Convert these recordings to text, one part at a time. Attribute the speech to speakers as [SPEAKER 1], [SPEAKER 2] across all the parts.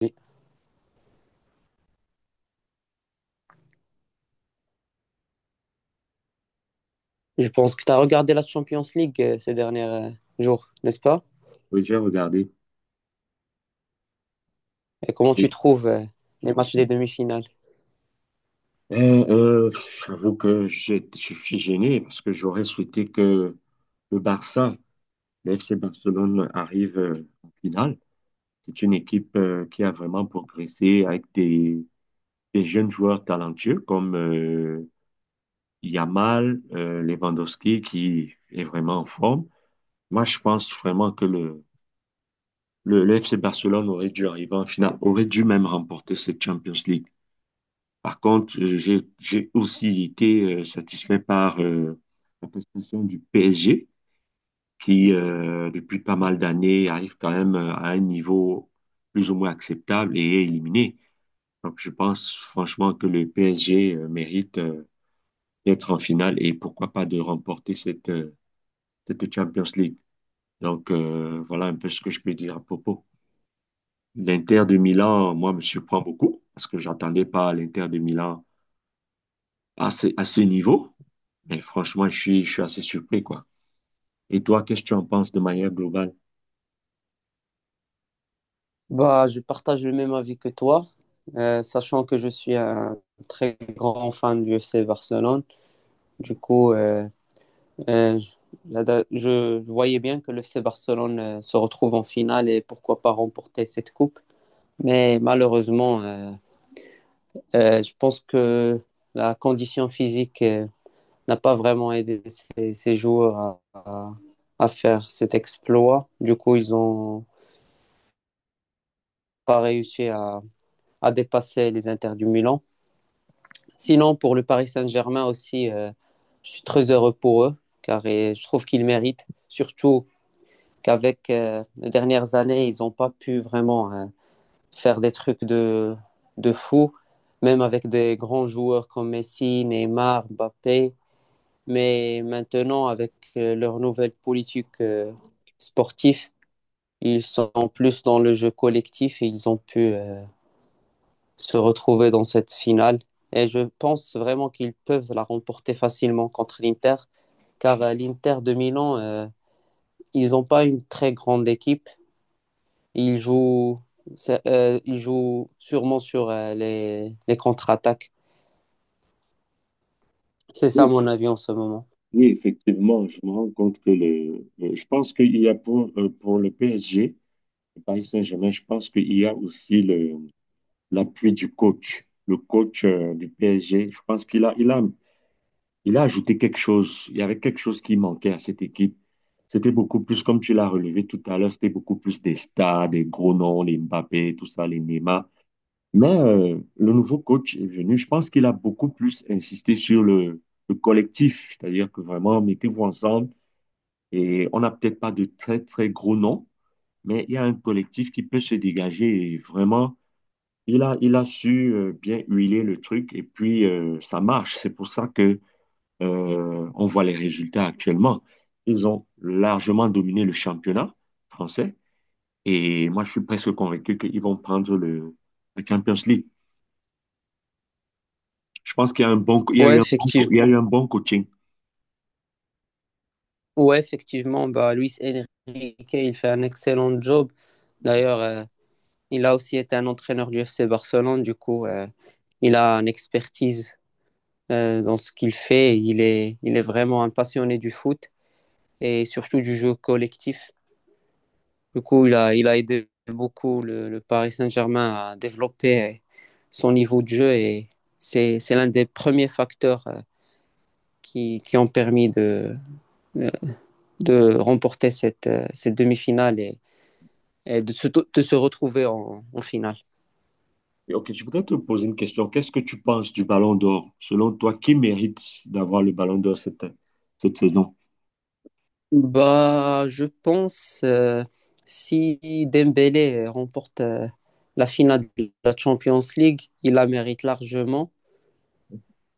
[SPEAKER 1] Je pense que tu as regardé la Champions League ces derniers jours, n'est-ce pas?
[SPEAKER 2] Oui, j'ai regardé.
[SPEAKER 1] Et comment tu trouves les matchs des demi-finales?
[SPEAKER 2] Euh, euh, j'avoue que je suis gêné parce que j'aurais souhaité que le Barça, le FC Barcelone arrive en finale. C'est une équipe qui a vraiment progressé avec des jeunes joueurs talentueux comme Yamal, Lewandowski qui est vraiment en forme. Moi, je pense vraiment que le FC Barcelone aurait dû arriver en finale, aurait dû même remporter cette Champions League. Par contre, j'ai aussi été satisfait par la prestation du PSG, qui, depuis pas mal d'années, arrive quand même à un niveau plus ou moins acceptable et est éliminé. Donc, je pense franchement que le PSG mérite d'être en finale et pourquoi pas de remporter cette Champions League. Donc, voilà un peu ce que je peux dire à propos. L'Inter de Milan, moi, me surprend beaucoup parce que j'attendais pas l'Inter de Milan à ce niveau. Mais franchement, je suis assez surpris, quoi. Et toi, qu'est-ce que tu en penses de manière globale?
[SPEAKER 1] Bah, je partage le même avis que toi, sachant que je suis un très grand fan du FC Barcelone. Du coup, je voyais bien que le FC Barcelone se retrouve en finale et pourquoi pas remporter cette coupe. Mais malheureusement, je pense que la condition physique n'a pas vraiment aidé ses joueurs à faire cet exploit. Du coup, ils n'ont pas réussi à dépasser les Inter du Milan. Sinon, pour le Paris Saint-Germain aussi, je suis très heureux pour eux, car je trouve qu'ils méritent, surtout qu'avec les dernières années, ils n'ont pas pu vraiment faire des trucs de fou, même avec des grands joueurs comme Messi, Neymar, Mbappé. Mais maintenant, avec leur nouvelle politique sportive, ils sont plus dans le jeu collectif et ils ont pu se retrouver dans cette finale. Et je pense vraiment qu'ils peuvent la remporter facilement contre l'Inter, car l'Inter de Milan, ils n'ont pas une très grande équipe. Ils jouent, ils jouent sûrement sur les contre-attaques. C'est ça
[SPEAKER 2] Oui,
[SPEAKER 1] mon avis en ce moment.
[SPEAKER 2] oui, effectivement, je me rends compte que je pense qu'il y a pour le PSG, le Paris Saint-Germain, je pense qu'il y a aussi l'appui du coach, le coach, du PSG. Je pense qu'il a, il a, il a ajouté quelque chose. Il y avait quelque chose qui manquait à cette équipe. C'était beaucoup plus, comme tu l'as relevé tout à l'heure, c'était beaucoup plus des stars, des gros noms, les Mbappé, tout ça, les Neymar. Mais le nouveau coach est venu. Je pense qu'il a beaucoup plus insisté sur le collectif, c'est-à-dire que vraiment, mettez-vous ensemble. Et on n'a peut-être pas de très, très gros noms, mais il y a un collectif qui peut se dégager. Et vraiment, il a su bien huiler le truc et puis ça marche. C'est pour ça que on voit les résultats actuellement. Ils ont largement dominé le championnat français. Et moi, je suis presque convaincu qu'ils vont prendre la Champions League. Je pense qu'il y a un bon, il y a
[SPEAKER 1] Ouais,
[SPEAKER 2] eu un bon, il
[SPEAKER 1] effectivement.
[SPEAKER 2] y a eu un bon coaching.
[SPEAKER 1] Ouais, effectivement, bah, Luis Enrique, il fait un excellent job. D'ailleurs, il a aussi été un entraîneur du FC Barcelone. Du coup, il a une expertise dans ce qu'il fait. Il est vraiment un passionné du foot et surtout du jeu collectif. Du coup, il a aidé beaucoup le Paris Saint-Germain à développer son niveau de jeu et c'est l'un des premiers facteurs qui ont permis euh, de remporter cette demi-finale. Et de se retrouver en finale.
[SPEAKER 2] Et ok, je voudrais te poser une question. Qu'est-ce que tu penses du Ballon d'Or? Selon toi, qui mérite d'avoir le Ballon d'Or cette saison?
[SPEAKER 1] Bah, je pense si Dembélé remporte la finale de la Champions League, il la mérite largement.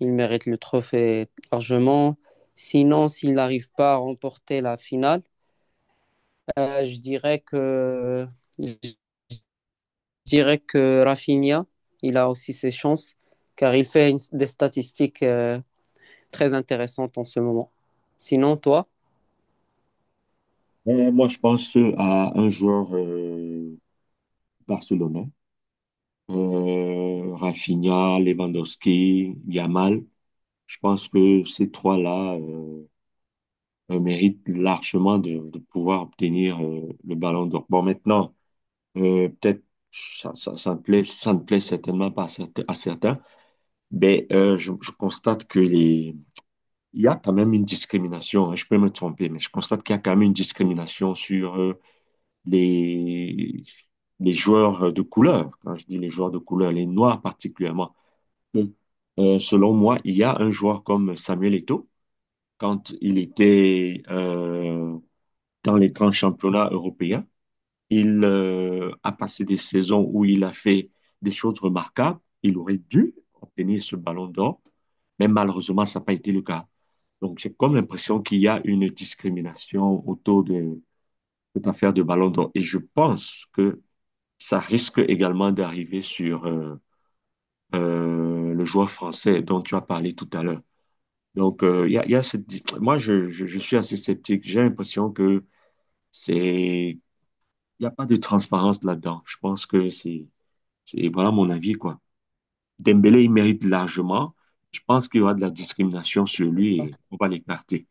[SPEAKER 1] Il mérite le trophée largement. Sinon, s'il n'arrive pas à remporter la finale, euh, je dirais que je dirais que Rafinha, il a aussi ses chances car il fait des statistiques très intéressantes en ce moment. Sinon, toi?
[SPEAKER 2] Moi, je pense à un joueur barcelonais, Rafinha, Lewandowski, Yamal. Je pense que ces trois-là méritent largement de pouvoir obtenir le Ballon d'Or. Bon, maintenant, peut-être ça ne plaît certainement pas à à certains, Ben, je constate que les... il y a quand même une discrimination, hein, je peux me tromper, mais je constate qu'il y a quand même une discrimination sur les... les joueurs de couleur. Quand je dis les joueurs de couleur, les noirs particulièrement. Mm. Selon moi, il y a un joueur comme Samuel Eto'o, quand il était dans les grands championnats européens, il a passé des saisons où il a fait des choses remarquables. Il aurait dû obtenir ce ballon d'or, mais malheureusement, ça n'a pas été le cas. Donc, j'ai comme l'impression qu'il y a une discrimination autour de cette affaire de ballon d'or. Et je pense que ça risque également d'arriver sur le joueur français dont tu as parlé tout à l'heure. Donc, il y a cette... je suis assez sceptique. J'ai l'impression que c'est... Il n'y a pas de transparence là-dedans. Je pense que c'est voilà mon avis, quoi. Dembélé, il mérite largement. Je pense qu'il y aura de la discrimination sur lui et on va l'écarter.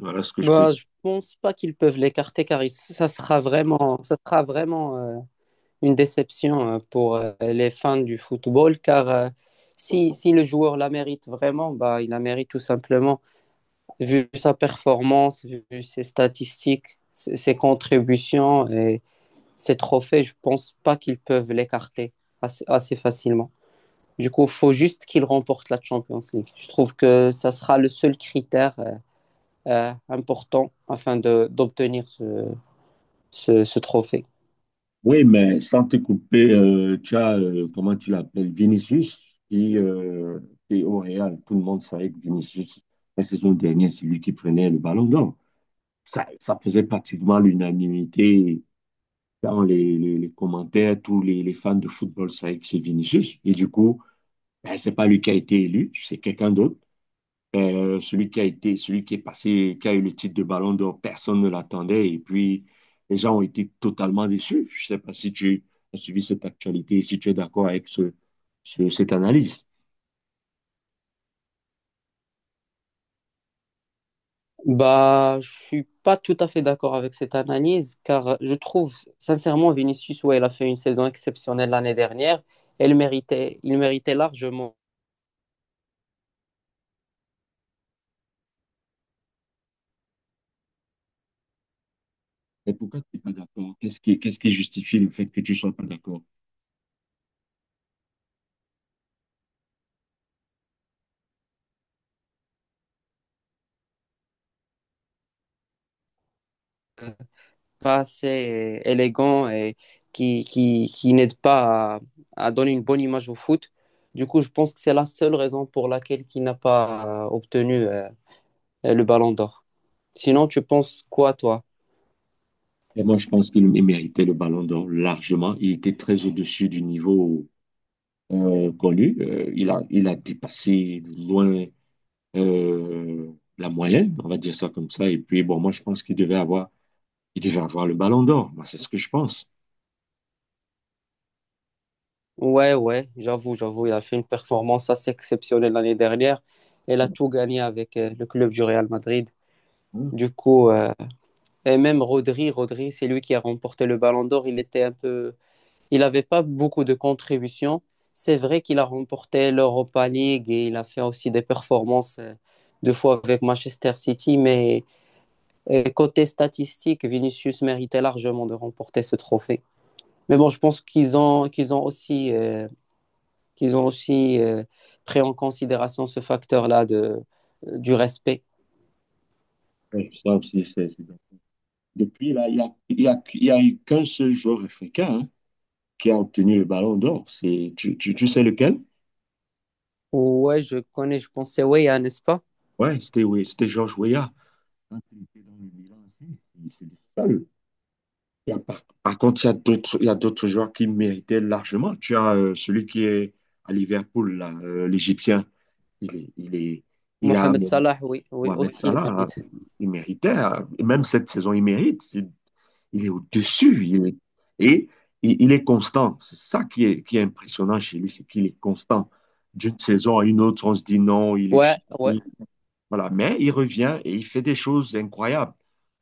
[SPEAKER 2] Voilà ce que je peux
[SPEAKER 1] Bah,
[SPEAKER 2] dire.
[SPEAKER 1] je pense pas qu'ils peuvent l'écarter car ça sera vraiment une déception pour les fans du football car si le joueur la mérite vraiment, bah, il la mérite tout simplement vu sa performance, vu ses statistiques, ses contributions et ses trophées, je pense pas qu'ils peuvent l'écarter assez facilement. Du coup, faut juste qu'il remporte la Champions League. Je trouve que ça sera le seul critère important afin d'obtenir ce trophée.
[SPEAKER 2] Oui, mais sans te couper, tu as, comment tu l'appelles, Vinicius, qui est au Real. Tout le monde savait que Vinicius, la saison dernière, c'est lui qui prenait le ballon d'or. Ça faisait pratiquement l'unanimité dans les commentaires. Les fans de football savaient que c'est Vinicius. Et du coup, ben, c'est pas lui qui a été élu, c'est quelqu'un d'autre. Celui qui est passé, qui a eu le titre de Ballon d'Or, personne ne l'attendait. Et puis, les gens ont été totalement déçus. Je sais pas si tu as suivi cette actualité et si tu es d'accord avec cette analyse.
[SPEAKER 1] Bah, je ne suis pas tout à fait d'accord avec cette analyse, car je trouve sincèrement Vinicius, ouais, il a fait une saison exceptionnelle l'année dernière, et il méritait largement.
[SPEAKER 2] Mais pourquoi tu n'es pas d'accord? Qu'est-ce qui justifie le fait que tu ne sois pas d'accord?
[SPEAKER 1] Pas assez élégant et qui n'aide pas à donner une bonne image au foot. Du coup, je pense que c'est la seule raison pour laquelle il n'a pas obtenu le ballon d'or. Sinon, tu penses quoi, toi?
[SPEAKER 2] Et moi, je pense qu'il méritait le Ballon d'Or largement. Il était très au-dessus du niveau connu. Il a dépassé loin la moyenne, on va dire ça comme ça. Et puis, bon, moi, je pense qu'il devait avoir il devait avoir le ballon d'or, moi, c'est ce que je pense.
[SPEAKER 1] Ouais, ouais, j'avoue, il a fait une performance assez exceptionnelle l'année dernière. Elle a tout gagné avec le club du Real Madrid.
[SPEAKER 2] Hein.
[SPEAKER 1] Du coup, et même Rodri, c'est lui qui a remporté le Ballon d'Or. Il était un peu, il n'avait pas beaucoup de contributions. C'est vrai qu'il a remporté l'Europa League et il a fait aussi des performances deux fois avec Manchester City. Mais côté statistique, Vinicius méritait largement de remporter ce trophée. Mais bon, je pense qu'ils ont aussi. Qu'ils ont aussi pris en considération ce facteur-là du respect.
[SPEAKER 2] Ouais, ça aussi, c'est bien. Depuis, là, il n'y a, il y a, il y a eu qu'un seul joueur africain hein, qui a obtenu le ballon d'or. Tu sais lequel?
[SPEAKER 1] Ouais, je connais, je pense, c'est Weya, n'est-ce pas?
[SPEAKER 2] Ouais, c'était oui, c'était Georges Weah. Quand il était dans le Milan aussi, c'est le seul. Il y a par contre, il y a d'autres joueurs qui méritaient largement. Tu as celui qui est à Liverpool, là, l'Égyptien. Il est, il est, il a
[SPEAKER 1] Mohamed Salah, oui, oui,
[SPEAKER 2] Mohamed
[SPEAKER 1] aussi il
[SPEAKER 2] Salah, hein.
[SPEAKER 1] mérite.
[SPEAKER 2] Il méritait, hein. Et même cette saison, il mérite. Il est au-dessus, il est, et il est constant. C'est ça qui est impressionnant chez lui, c'est qu'il est constant. D'une saison à une autre, on se dit non, il est
[SPEAKER 1] Ouais, ouais.
[SPEAKER 2] fini, voilà. Mais il revient et il fait des choses incroyables.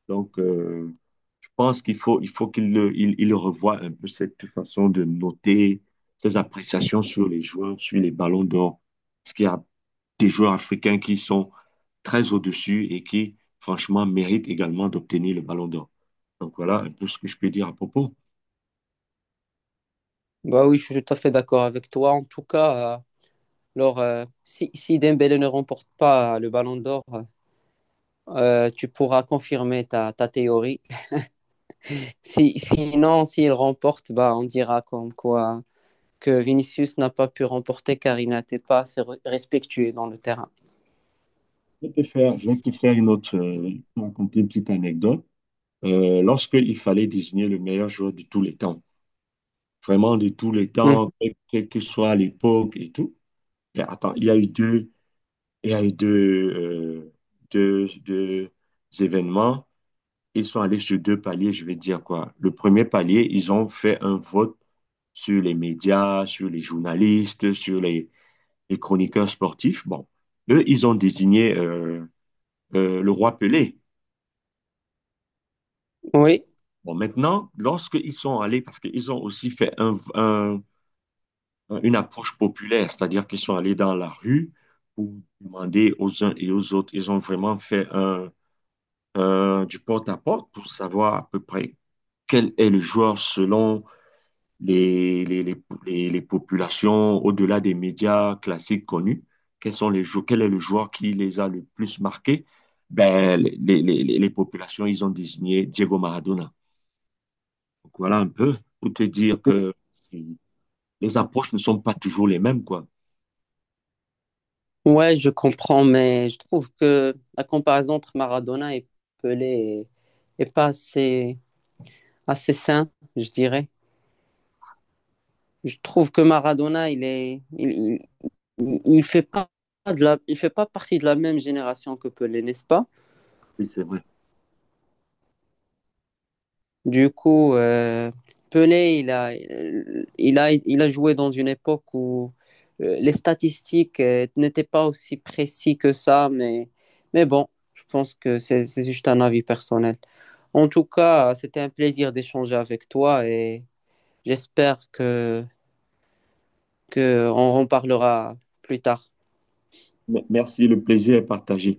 [SPEAKER 2] Donc, je pense il faut il revoie un peu cette façon de noter ses appréciations sur les joueurs, sur les ballons d'or. Parce qu'il y a des joueurs africains qui sont très au-dessus et qui, franchement, méritent également d'obtenir le ballon d'or. Donc, voilà un peu ce que je peux dire à propos.
[SPEAKER 1] Bah oui, je suis tout à fait d'accord avec toi. En tout cas, alors, si Dembélé ne remporte pas le Ballon d'Or, tu pourras confirmer ta théorie. Si, sinon, s'il remporte, bah, on dira comme quoi que Vinicius n'a pas pu remporter car il n'était pas assez respectué dans le terrain.
[SPEAKER 2] Je vais te faire une autre, raconter une petite anecdote. Lorsqu'il fallait désigner le meilleur joueur de tous les temps, vraiment de tous les
[SPEAKER 1] Mm.
[SPEAKER 2] temps, quelle que soit l'époque et tout. Et attends, il y a eu deux événements. Ils sont allés sur deux paliers, je vais te dire quoi. Le premier palier, ils ont fait un vote sur les médias, sur les journalistes, sur les chroniqueurs sportifs. Bon, eux, ils ont désigné le roi Pelé.
[SPEAKER 1] Oui,
[SPEAKER 2] Bon, maintenant, lorsqu'ils sont allés, parce qu'ils ont aussi fait une approche populaire, c'est-à-dire qu'ils sont allés dans la rue pour demander aux uns et aux autres. Ils ont vraiment fait du porte-à-porte pour savoir à peu près quel est le joueur selon les, les, les, les populations au-delà des médias classiques connus. Quel est le joueur qui les a le plus marqués? Ben, les populations, ils ont désigné Diego Maradona. Donc voilà un peu pour te dire que les approches ne sont pas toujours les mêmes, quoi.
[SPEAKER 1] ouais, je comprends, mais je trouve que la comparaison entre Maradona et Pelé est pas assez sain, je dirais. Je trouve que Maradona, il fait pas il fait pas partie de la même génération que Pelé, n'est-ce pas?
[SPEAKER 2] Oui, c'est vrai.
[SPEAKER 1] Du coup, Pelé, il a joué dans une époque où les statistiques n'étaient pas aussi précises que ça, mais bon, je pense que c'est juste un avis personnel. En tout cas, c'était un plaisir d'échanger avec toi et j'espère que on en reparlera plus tard.
[SPEAKER 2] Merci, le plaisir est partagé.